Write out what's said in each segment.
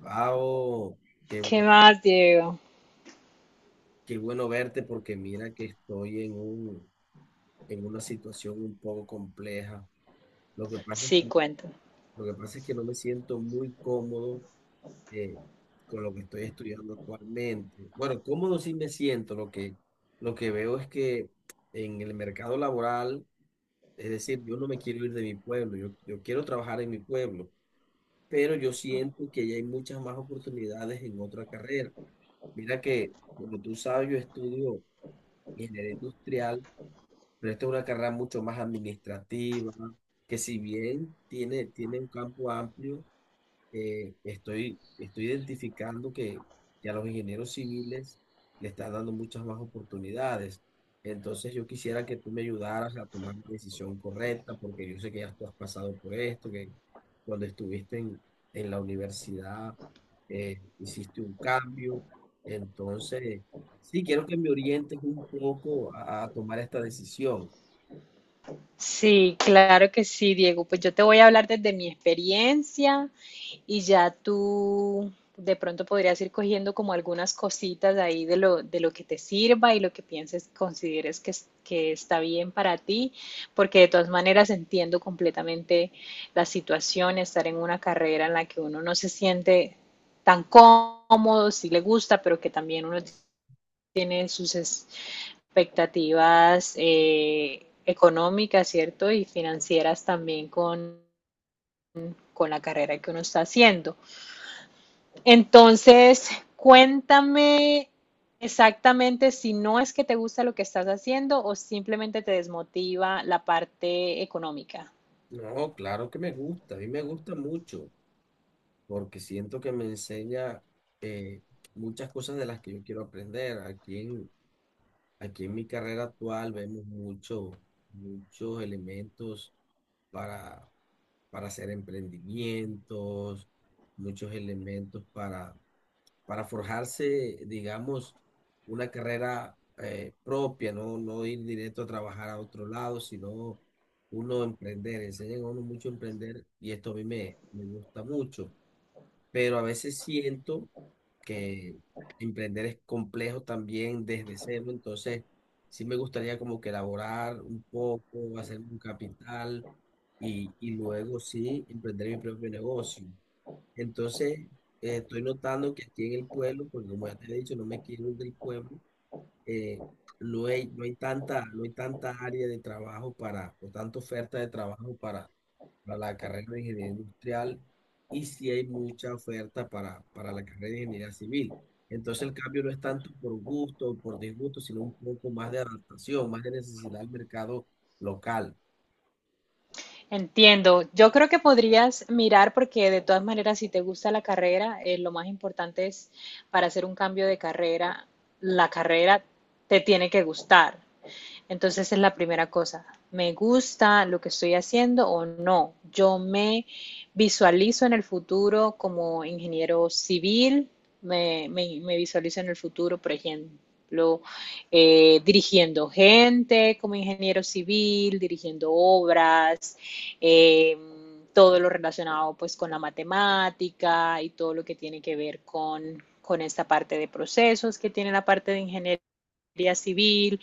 Pau, qué, ¿Qué bu- más, Diego? qué bueno verte porque mira que estoy en una situación un poco compleja. Lo que pasa es Sí, que, cuento. lo que pasa es que no me siento muy cómodo eh, con lo que estoy estudiando actualmente. Bueno, cómodo sí me siento. Lo que veo es que en el mercado laboral, es decir, yo no me quiero ir de mi pueblo, yo quiero trabajar en mi pueblo, pero yo siento que ya hay muchas más oportunidades en otra carrera. Mira que, como tú sabes, yo estudio ingeniero industrial, pero esta es una carrera mucho más administrativa, que si bien tiene un campo amplio, estoy identificando que a los ingenieros civiles le están dando muchas más oportunidades. Entonces yo quisiera que tú me ayudaras a tomar la decisión correcta, porque yo sé que ya tú has pasado por esto, que cuando estuviste en la universidad hiciste un cambio. Entonces, sí, quiero que me orientes un poco a tomar esta decisión. Sí, claro que sí, Diego. Pues yo te voy a hablar desde mi experiencia y ya tú de pronto podrías ir cogiendo como algunas cositas ahí de lo que te sirva y lo que pienses, consideres que, que está bien para ti, porque de todas maneras entiendo completamente la situación, estar en una carrera en la que uno no se siente tan cómodo, si le gusta, pero que también uno tiene sus expectativas, económicas, ¿cierto? Y financieras también con la carrera que uno está haciendo. Entonces, cuéntame exactamente si no es que te gusta lo que estás haciendo o simplemente te desmotiva la parte económica. No, claro que me gusta, a mí me gusta mucho, porque siento que me enseña eh, muchas cosas de las que yo quiero aprender. Aquí en mi carrera actual vemos muchos elementos para, para hacer emprendimientos, muchos elementos para forjarse, digamos, una carrera propia, ¿no? No ir directo a trabajar a otro lado, sino uno emprender. Enseñan a uno mucho a emprender y esto a mí me gusta mucho, pero a veces siento que emprender es complejo también desde cero, entonces sí me gustaría como que elaborar un poco, hacer un capital y luego sí emprender mi propio negocio. Entonces estoy notando que aquí en el pueblo, porque como ya te he dicho, no me quiero ir del pueblo, eh, no hay tanta área de trabajo o tanta oferta de trabajo para la carrera de ingeniería industrial y sí hay mucha oferta para la carrera de ingeniería civil. Entonces el cambio no es tanto por gusto o por disgusto, sino un poco más de adaptación, más de necesidad al mercado local. Entiendo. Yo creo que podrías mirar, porque de todas maneras si te gusta la carrera, lo más importante es, para hacer un cambio de carrera, la carrera te tiene que gustar. Entonces es la primera cosa. ¿Me gusta lo que estoy haciendo o no? Yo me visualizo en el futuro como ingeniero civil, me visualizo en el futuro, por ejemplo, dirigiendo gente como ingeniero civil, dirigiendo obras, eh, todo lo relacionado pues con la matemática y todo lo que tiene que ver con esta parte de procesos que tiene la parte de ingeniería civil.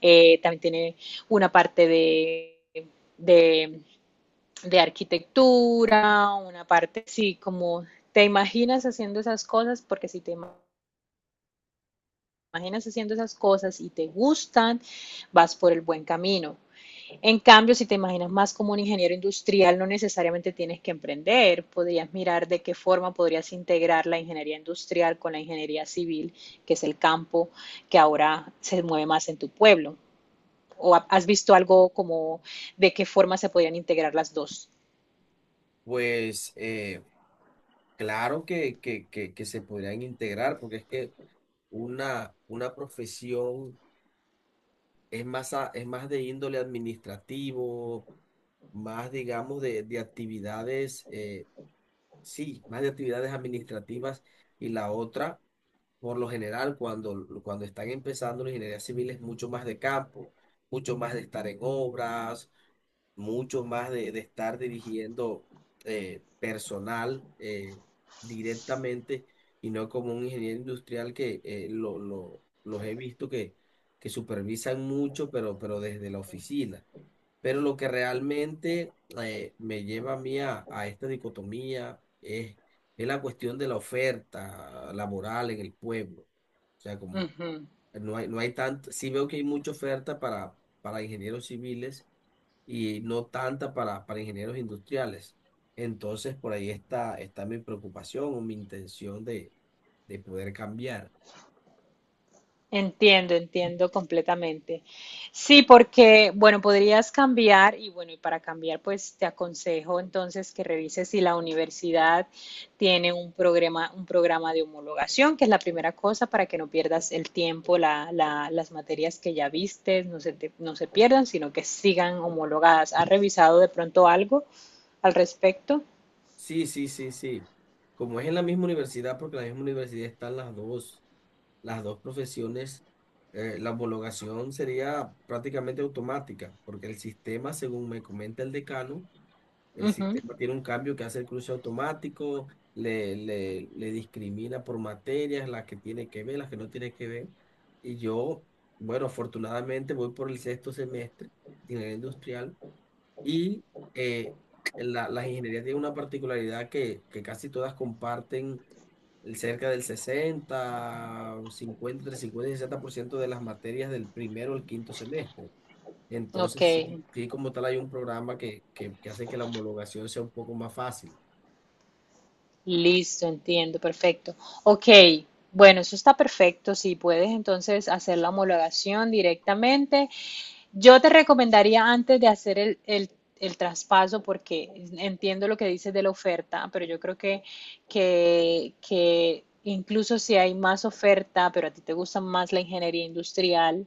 También tiene una parte de, de arquitectura, una parte, sí. Como te imaginas haciendo esas cosas, porque si te imaginas haciendo esas cosas y te gustan, vas por el buen camino. En cambio, si te imaginas más como un ingeniero industrial, no necesariamente tienes que emprender. Podrías mirar de qué forma podrías integrar la ingeniería industrial con la ingeniería civil, que es el campo que ahora se mueve más en tu pueblo. ¿O has visto algo como de qué forma se podrían integrar las dos? Pues claro que se podrían integrar, porque es que una profesión, es más, es más de índole administrativo, más, digamos, de actividades, sí, más de actividades administrativas. Y la otra, por lo general, cuando están empezando la ingeniería civil es mucho más de campo, mucho más de estar en obras, mucho más de estar dirigiendo personal directamente y no como un ingeniero industrial que los he visto que supervisan mucho, pero desde la oficina. Pero lo que realmente me lleva a mí a esta dicotomía es la cuestión de la oferta laboral en el pueblo. O sea, como Uh -huh. no hay tanto, sí veo que hay mucha oferta para ingenieros civiles y no tanta para ingenieros industriales. Entonces, por ahí está mi preocupación o mi intención de poder cambiar. Entiendo, entiendo completamente. Sí, porque, bueno, podrías cambiar. Y bueno, y para cambiar, pues te aconsejo entonces que revises si la universidad tiene un programa de homologación, que es la primera cosa, para que no pierdas el tiempo, las materias que ya viste, no se pierdan, sino que sigan homologadas. ¿Has revisado de pronto algo al respecto? Sí, sí, sí, sí. Como es en la misma universidad, porque en la misma universidad están las dos profesiones, la homologación sería prácticamente automática, porque el sistema, según me comenta el decano. El Uh -huh. sistema tiene un cambio que hace el cruce automático, le discrimina por materias, las que tiene que ver, las que no tiene que ver. Y yo, bueno, afortunadamente voy por el sexto semestre de ingeniería industrial y eh, las ingenierías tienen una particularidad que casi todas comparten el cerca del 60 50 entre 50 y 60% de las materias del primero al quinto semestre. Ok, Entonces, sí, sí, como tal hay un programa que hace que la homologación sea un poco más fácil. listo, entiendo, perfecto. Ok, bueno, eso está perfecto. Si puedes entonces hacer la homologación directamente, yo te recomendaría, antes de hacer el traspaso, porque entiendo lo que dices de la oferta, pero yo creo que incluso si hay más oferta, pero a ti te gusta más la ingeniería industrial,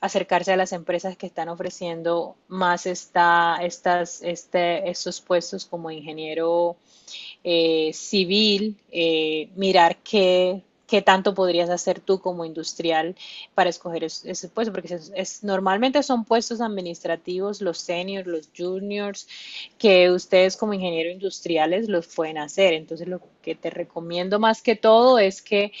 acercarse a las empresas que están ofreciendo más estos puestos como ingeniero, civil. Mirar qué, qué tanto podrías hacer tú como industrial para escoger ese puesto, porque normalmente son puestos administrativos, los seniors, los juniors, que ustedes como ingenieros industriales los pueden hacer. Entonces, lo que te recomiendo más que todo es que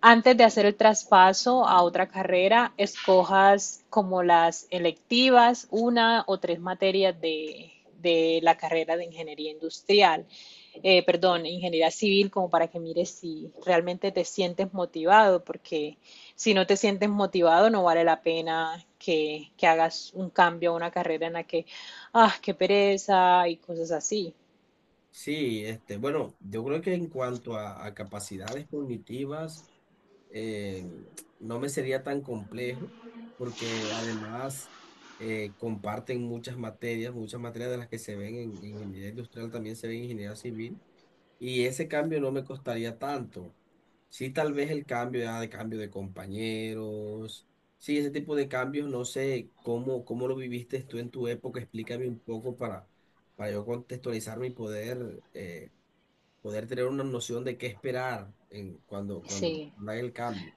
antes de hacer el traspaso a otra carrera, escojas como las electivas, una o tres materias de la carrera de ingeniería industrial, perdón, ingeniería civil, como para que mires si realmente te sientes motivado, porque si no te sientes motivado no vale la pena que hagas un cambio a una carrera en la que, ah, qué pereza y cosas así. Sí, este, bueno, yo creo que en cuanto a capacidades cognitivas, eh, no me sería tan complejo, porque además comparten muchas materias de las que se ven en ingeniería industrial también se ven en ingeniería civil. Y ese cambio no me costaría tanto. Sí, tal vez el cambio ya de cambio de compañeros. Sí, ese tipo de cambios, no sé cómo lo viviste tú en tu época. Explícame un poco para yo contextualizarme y poder tener una noción de qué esperar cuando Sí. haga el cambio.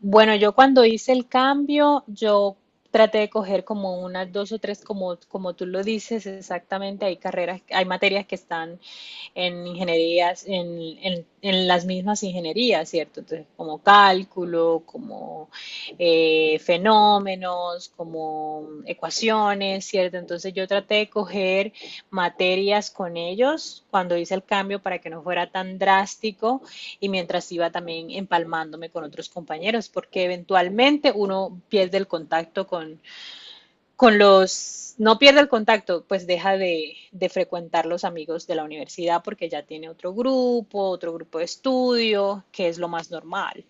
Bueno, yo cuando hice el cambio, yo traté de coger como unas dos o tres, como, como tú lo dices exactamente, hay carreras, hay materias que están en ingenierías, en las mismas ingenierías, ¿cierto? Entonces, como cálculo, como fenómenos, como ecuaciones, ¿cierto? Entonces, yo traté de coger materias con ellos cuando hice el cambio para que no fuera tan drástico, y mientras iba también empalmándome con otros compañeros, porque eventualmente uno pierde el contacto con no pierde el contacto, pues deja de frecuentar los amigos de la universidad porque ya tiene otro grupo de estudio, que es lo más normal.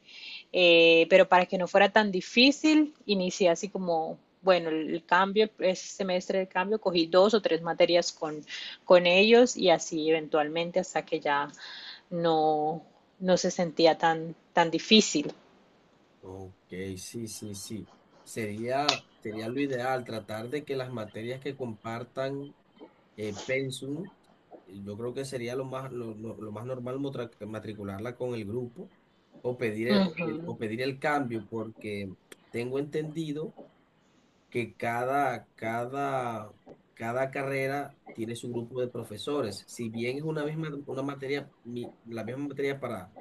Pero para que no fuera tan difícil, inicié así como, bueno, el cambio, ese semestre de cambio, cogí dos o tres materias con ellos, y así eventualmente, hasta que ya no, no se sentía tan, tan difícil. Ok, sí, sí, sí. Sería lo ideal tratar de que las materias que compartan pensum. Yo creo que sería lo más normal matricularla con el grupo o pedir el, Uh o pe- -huh, o pedir el cambio, porque tengo entendido que cada carrera tiene su grupo de profesores. Si bien es una misma, una materia, mi- la misma materia para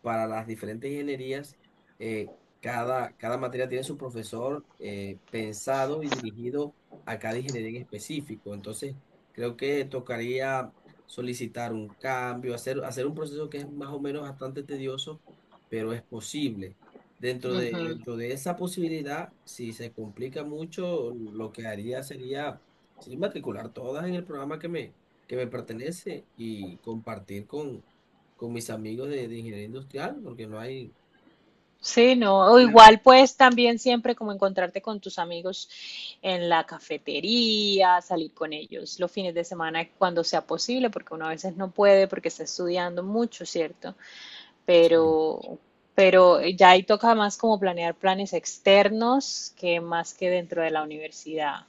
para las diferentes ingenierías, eh, cada materia tiene su profesor pensado y dirigido a cada ingeniería en específico. Entonces, creo que tocaría solicitar un cambio, hacer un proceso que es más o menos bastante tedioso, pero es posible. Dentro uh de, -huh. dentro de esa posibilidad, si se complica mucho, lo que haría sería, sería matricular todas en el programa que me pertenece y compartir con mis amigos de ingeniería industrial, porque no hay. Sí, no, o Claro. igual pues también siempre como encontrarte con tus amigos en la cafetería, salir con ellos los fines de semana cuando sea posible, porque uno a veces no puede porque está estudiando mucho, ¿cierto? Sí, Pero, pero ya ahí toca más como planear planes externos, que más que dentro de la universidad.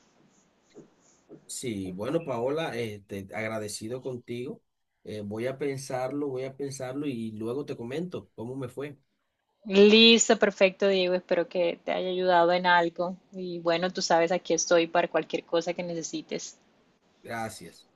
sí, bueno, Paola, este, agradecido contigo. Voy a pensarlo y luego te comento cómo me fue. Listo, perfecto, Diego. Espero que te haya ayudado en algo. Y bueno, tú sabes, aquí estoy para cualquier cosa que necesites. Gracias.